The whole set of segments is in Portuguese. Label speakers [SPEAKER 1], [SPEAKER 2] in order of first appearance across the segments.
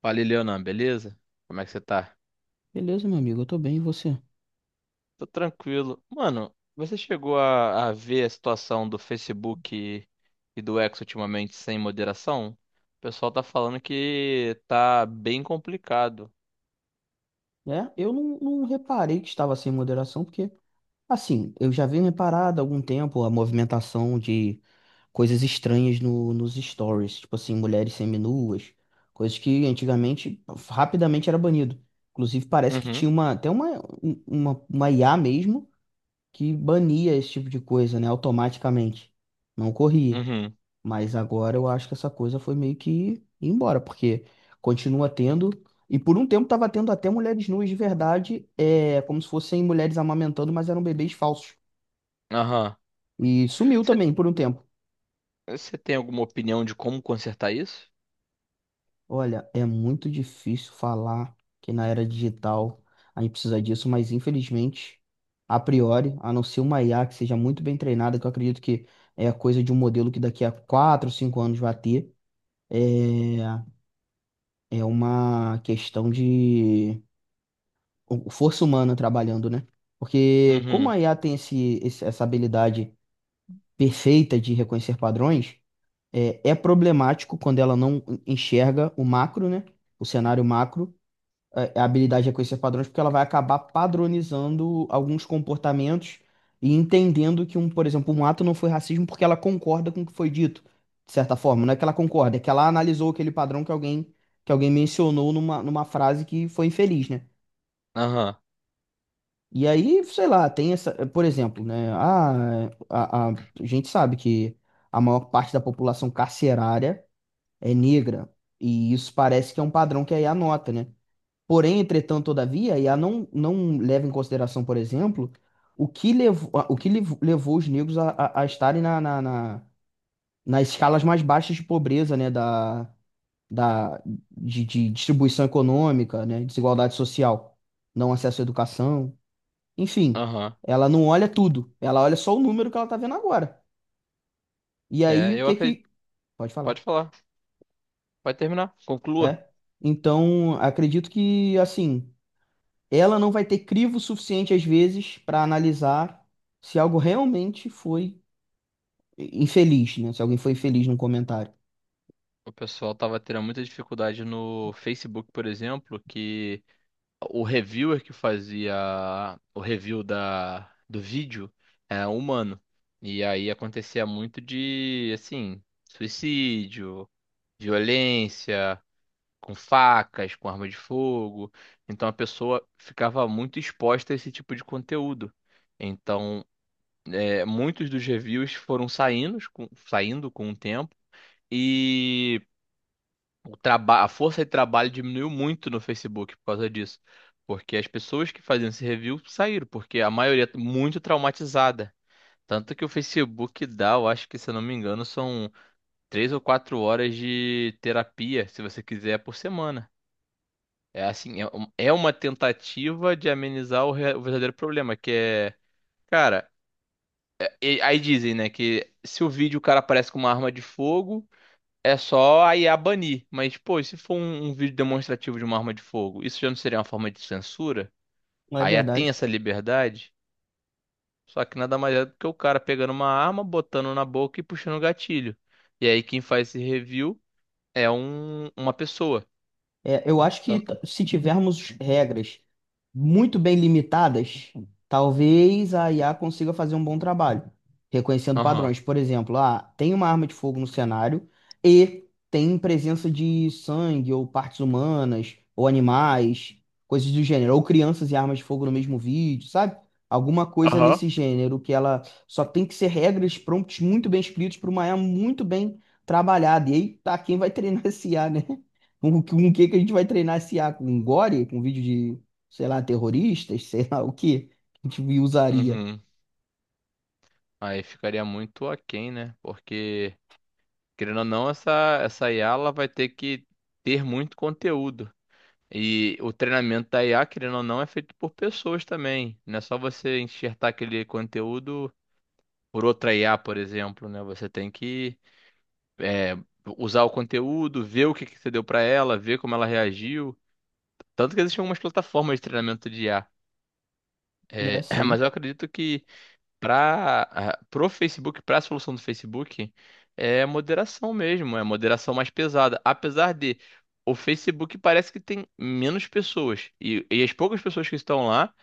[SPEAKER 1] Fala, Leonan, beleza? Como é que você tá?
[SPEAKER 2] Beleza, meu amigo, eu tô bem, e você?
[SPEAKER 1] Tô tranquilo. Mano, você chegou a ver a situação do Facebook e do X ultimamente sem moderação? O pessoal tá falando que tá bem complicado.
[SPEAKER 2] É, eu não reparei que estava sem moderação, porque, assim, eu já venho reparado há algum tempo a movimentação de coisas estranhas no, nos stories, tipo assim, mulheres seminuas, coisas que antigamente rapidamente era banido. Inclusive, parece que
[SPEAKER 1] Uhum.
[SPEAKER 2] tinha uma, até uma, um- uma IA mesmo que bania esse tipo de coisa, né, automaticamente. Não ocorria.
[SPEAKER 1] Uhum.
[SPEAKER 2] Mas agora eu acho que essa coisa foi meio que embora, porque continua tendo. E por um tempo estava tendo até mulheres nuas de verdade, é, como se fossem mulheres amamentando, mas eram bebês falsos.
[SPEAKER 1] Aham.
[SPEAKER 2] E sumiu também por um tempo.
[SPEAKER 1] Você tem alguma opinião de como consertar isso?
[SPEAKER 2] Olha, é muito difícil falar que na era digital a gente precisa disso, mas infelizmente, a priori, a não ser uma IA que seja muito bem treinada, que eu acredito que é coisa de um modelo que daqui a 4 ou 5 anos vai ter, é, é uma questão de força humana trabalhando, né? Porque como
[SPEAKER 1] Uhum.
[SPEAKER 2] a IA tem essa habilidade perfeita de reconhecer padrões, é problemático quando ela não enxerga o macro, né? O cenário macro, a habilidade de reconhecer padrões, porque ela vai acabar padronizando alguns comportamentos e entendendo que um, por exemplo, um ato não foi racismo porque ela concorda com o que foi dito, de certa forma. Não é que ela concorda, é que ela analisou aquele padrão que alguém mencionou numa frase que foi infeliz, né?
[SPEAKER 1] Aham.
[SPEAKER 2] E aí, sei lá, tem essa, por exemplo, né? A gente sabe que a maior parte da população carcerária é negra, e isso parece que é um padrão que a IA nota, né? Porém, entretanto, todavia, a IA não leva em consideração, por exemplo, o que levou, levou os negros a estarem nas escalas mais baixas de pobreza, né? Da, de distribuição econômica, né? Desigualdade social, não acesso à educação. Enfim,
[SPEAKER 1] Aham.
[SPEAKER 2] ela não olha tudo, ela olha só o número que ela tá vendo agora. E aí
[SPEAKER 1] É,
[SPEAKER 2] o
[SPEAKER 1] eu
[SPEAKER 2] que que.
[SPEAKER 1] acredito.
[SPEAKER 2] Pode falar.
[SPEAKER 1] Pode falar, pode terminar, conclua.
[SPEAKER 2] É. Então, acredito que, assim, ela não vai ter crivo suficiente às vezes para analisar se algo realmente foi infeliz, né? Se alguém foi infeliz num comentário.
[SPEAKER 1] O pessoal tava tendo muita dificuldade no Facebook, por exemplo. Que. O reviewer que fazia o review da, do vídeo era um humano. E aí acontecia muito de, assim, suicídio, violência, com facas, com arma de fogo. Então a pessoa ficava muito exposta a esse tipo de conteúdo. Então, é, muitos dos reviews foram saindo com o tempo. E o traba a força de trabalho diminuiu muito no Facebook por causa disso. Porque as pessoas que faziam esse review saíram, porque a maioria tá muito traumatizada. Tanto que o Facebook dá, eu acho que, se eu não me engano, são 3 ou 4 horas de terapia, se você quiser, por semana. É assim, é uma tentativa de amenizar o verdadeiro problema, que é, cara, aí dizem, né, que se o vídeo o cara aparece com uma arma de fogo, é só a IA banir. Mas, pô, e se for um vídeo demonstrativo de uma arma de fogo, isso já não seria uma forma de censura?
[SPEAKER 2] Não é
[SPEAKER 1] A IA tem
[SPEAKER 2] verdade?
[SPEAKER 1] essa liberdade? Só que nada mais é do que o cara pegando uma arma, botando na boca e puxando o gatilho. E aí quem faz esse review é um, uma pessoa.
[SPEAKER 2] É, eu acho que
[SPEAKER 1] Então,
[SPEAKER 2] se tivermos regras muito bem limitadas, talvez a IA consiga fazer um bom trabalho, reconhecendo
[SPEAKER 1] aham.
[SPEAKER 2] padrões. Por exemplo, ah, tem uma arma de fogo no cenário e tem presença de sangue ou partes humanas ou animais, coisas do gênero, ou crianças e armas de fogo no mesmo vídeo, sabe? Alguma coisa nesse
[SPEAKER 1] Aham.
[SPEAKER 2] gênero que ela só tem que ser regras, prompts muito bem escritos para uma IA muito bem trabalhada. E aí tá quem vai treinar esse IA, né? Com o que que a gente vai treinar esse a Com gore? Com vídeo de, sei lá, terroristas? Sei lá o que a gente usaria.
[SPEAKER 1] Uhum. Aí ficaria muito aquém, né? Porque, querendo ou não, essa IA ela vai ter que ter muito conteúdo. E o treinamento da IA, querendo ou não, é feito por pessoas também. Não é só você enxertar aquele conteúdo por outra IA, por exemplo, né? Você tem que é, usar o conteúdo, ver o que que você deu para ela, ver como ela reagiu. Tanto que existem algumas plataformas de treinamento de IA.
[SPEAKER 2] É
[SPEAKER 1] É, mas
[SPEAKER 2] assim,
[SPEAKER 1] eu acredito que para pro Facebook, para a solução do Facebook, é moderação mesmo, é moderação mais pesada. Apesar de o Facebook parece que tem menos pessoas. E as poucas pessoas que estão lá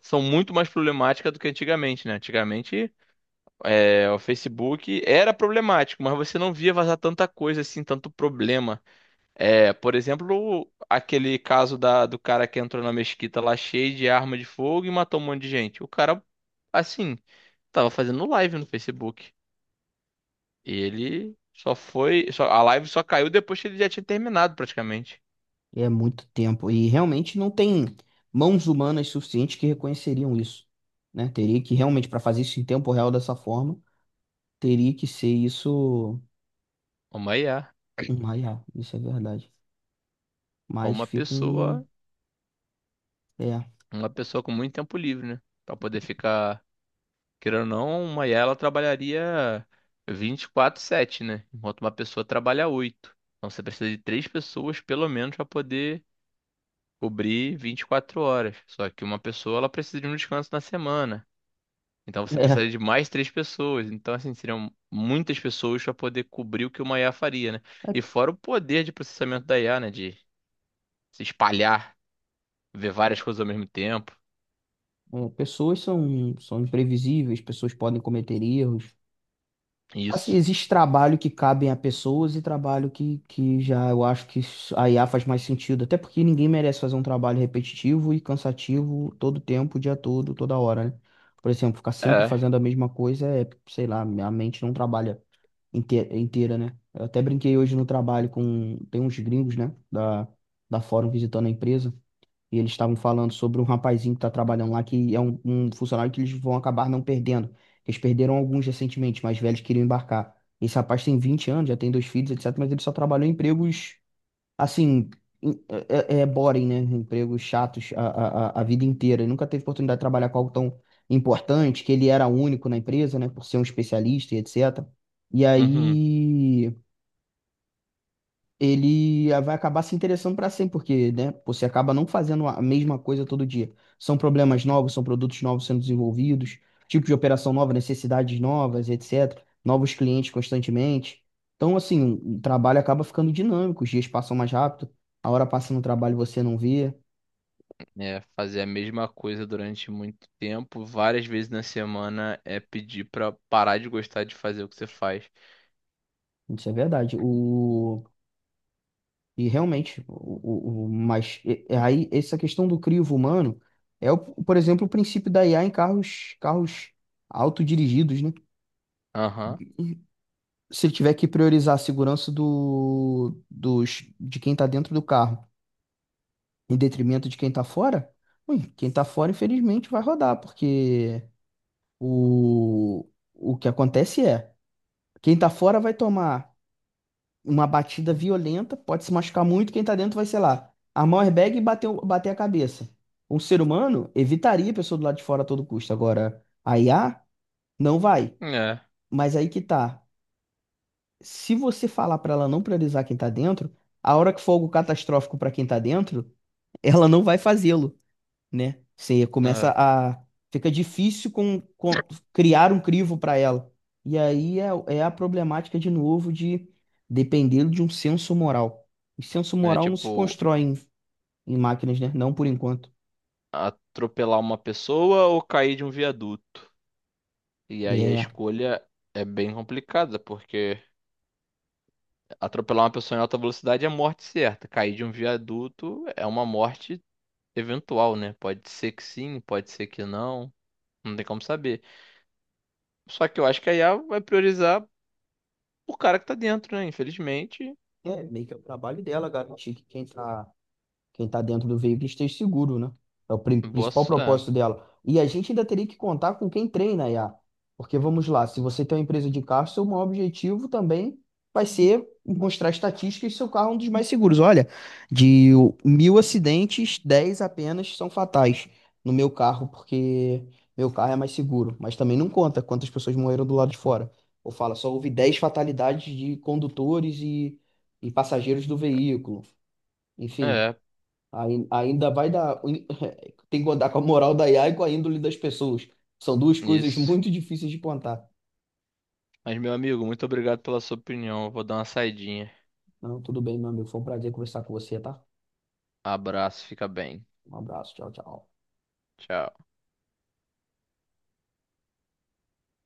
[SPEAKER 1] são muito mais problemáticas do que antigamente, né? Antigamente, é, o Facebook era problemático, mas você não via vazar tanta coisa assim, tanto problema. É, por exemplo, aquele caso da, do cara que entrou na mesquita lá cheio de arma de fogo e matou um monte de gente. O cara, assim, tava fazendo live no Facebook. E ele só foi. A live só caiu depois que ele já tinha terminado, praticamente.
[SPEAKER 2] é muito tempo. E realmente não tem mãos humanas suficientes que reconheceriam isso, né? Teria que realmente, para fazer isso em tempo real dessa forma, teria que ser isso
[SPEAKER 1] Uma IA.
[SPEAKER 2] uma IA, isso é verdade.
[SPEAKER 1] Ou
[SPEAKER 2] Mas
[SPEAKER 1] uma
[SPEAKER 2] fica um...
[SPEAKER 1] pessoa.
[SPEAKER 2] É,
[SPEAKER 1] Uma pessoa com muito tempo livre, né? Pra poder ficar. Querendo ou não, uma IA ela trabalharia 24/7, né? Enquanto uma pessoa trabalha 8. Então você precisa de três pessoas pelo menos para poder cobrir 24 horas. Só que uma pessoa ela precisa de um descanso na semana. Então você precisaria
[SPEAKER 2] é.
[SPEAKER 1] de mais três pessoas. Então assim, seriam muitas pessoas para poder cobrir o que uma IA faria, né? E fora o poder de processamento da IA, né, de se espalhar, ver
[SPEAKER 2] É,
[SPEAKER 1] várias coisas ao mesmo tempo.
[SPEAKER 2] pessoas são imprevisíveis, pessoas podem cometer erros. Assim,
[SPEAKER 1] Isso.
[SPEAKER 2] existe trabalho que cabem a pessoas e trabalho que já eu acho que a IA faz mais sentido. Até porque ninguém merece fazer um trabalho repetitivo e cansativo todo tempo, o dia todo, toda hora, né? Por exemplo, ficar sempre
[SPEAKER 1] É.
[SPEAKER 2] fazendo a mesma coisa é, sei lá, a mente não trabalha inteira, né? Eu até brinquei hoje no trabalho com, tem uns gringos, né, da, da Fórum visitando a empresa. E eles estavam falando sobre um rapazinho que está trabalhando lá, que é um funcionário que eles vão acabar não perdendo. Eles perderam alguns recentemente, mas velhos queriam embarcar. Esse rapaz tem 20 anos, já tem dois filhos, etc. Mas ele só trabalhou em empregos, assim, em- é, é boring, né? Empregos chatos a vida inteira. Ele nunca teve oportunidade de trabalhar com algo tão importante, que ele era único na empresa, né? Por ser um especialista e etc. E
[SPEAKER 1] Uhum.
[SPEAKER 2] aí ele vai acabar se interessando para sempre, porque, né, você acaba não fazendo a mesma coisa todo dia. São problemas novos, são produtos novos sendo desenvolvidos, tipo de operação nova, necessidades novas, etc. Novos clientes constantemente. Então, assim, o trabalho acaba ficando dinâmico, os dias passam mais rápido, a hora passa no trabalho e você não vê.
[SPEAKER 1] É, fazer a mesma coisa durante muito tempo, várias vezes na semana, é pedir pra parar de gostar de fazer o que você faz.
[SPEAKER 2] Isso é verdade. O... E realmente, e aí essa questão do crivo humano é, por exemplo, o princípio da IA em carros, carros autodirigidos, né?
[SPEAKER 1] Aham.
[SPEAKER 2] Se ele tiver que priorizar a segurança dos, de quem está dentro do carro em detrimento de quem está fora, ui, quem está fora, infelizmente, vai rodar, porque o, o que acontece é, quem está fora vai tomar uma batida violenta, pode se machucar muito, quem está dentro vai, sei lá, armar o airbag e bater, bater a cabeça. Um ser humano evitaria a pessoa do lado de fora a todo custo. Agora, a IA não vai.
[SPEAKER 1] É,
[SPEAKER 2] Mas aí que tá. Se você falar para ela não priorizar quem tá dentro, a hora que for algo catastrófico para quem tá dentro, ela não vai fazê-lo, né? Você começa
[SPEAKER 1] é.
[SPEAKER 2] a. Fica difícil criar um crivo para ela. E aí é, é a problemática de novo de depender de um senso moral. O senso
[SPEAKER 1] É
[SPEAKER 2] moral não se
[SPEAKER 1] tipo
[SPEAKER 2] constrói em, em máquinas, né? Não por enquanto.
[SPEAKER 1] atropelar uma pessoa ou cair de um viaduto. E aí a
[SPEAKER 2] É,
[SPEAKER 1] escolha é bem complicada, porque atropelar uma pessoa em alta velocidade é morte certa. Cair de um viaduto é uma morte eventual, né? Pode ser que sim, pode ser que não. Não tem como saber. Só que eu acho que a IA vai priorizar o cara que tá dentro, né? Infelizmente.
[SPEAKER 2] é meio que é o trabalho dela garantir que quem tá Quem está dentro do veículo esteja seguro, né? É o
[SPEAKER 1] Boa.
[SPEAKER 2] principal
[SPEAKER 1] É,
[SPEAKER 2] propósito dela. E a gente ainda teria que contar com quem treina a IA. Porque vamos lá, se você tem uma empresa de carro, seu maior objetivo também vai ser mostrar estatísticas que seu carro é um dos mais seguros. Olha, de 1.000 acidentes, 10 apenas são fatais no meu carro, porque meu carro é mais seguro. Mas também não conta quantas pessoas morreram do lado de fora. Ou fala, só houve 10 fatalidades de condutores e passageiros do veículo. Enfim,
[SPEAKER 1] é,
[SPEAKER 2] Ainda vai dar. Tem que andar com a moral da IA e com a índole das pessoas. São duas coisas
[SPEAKER 1] isso.
[SPEAKER 2] muito difíceis de plantar.
[SPEAKER 1] Mas, meu amigo, muito obrigado pela sua opinião. Eu vou dar uma saidinha.
[SPEAKER 2] Não, tudo bem, meu amigo. Foi um prazer conversar com você, tá?
[SPEAKER 1] Abraço, fica bem.
[SPEAKER 2] Um abraço. Tchau, tchau.
[SPEAKER 1] Tchau.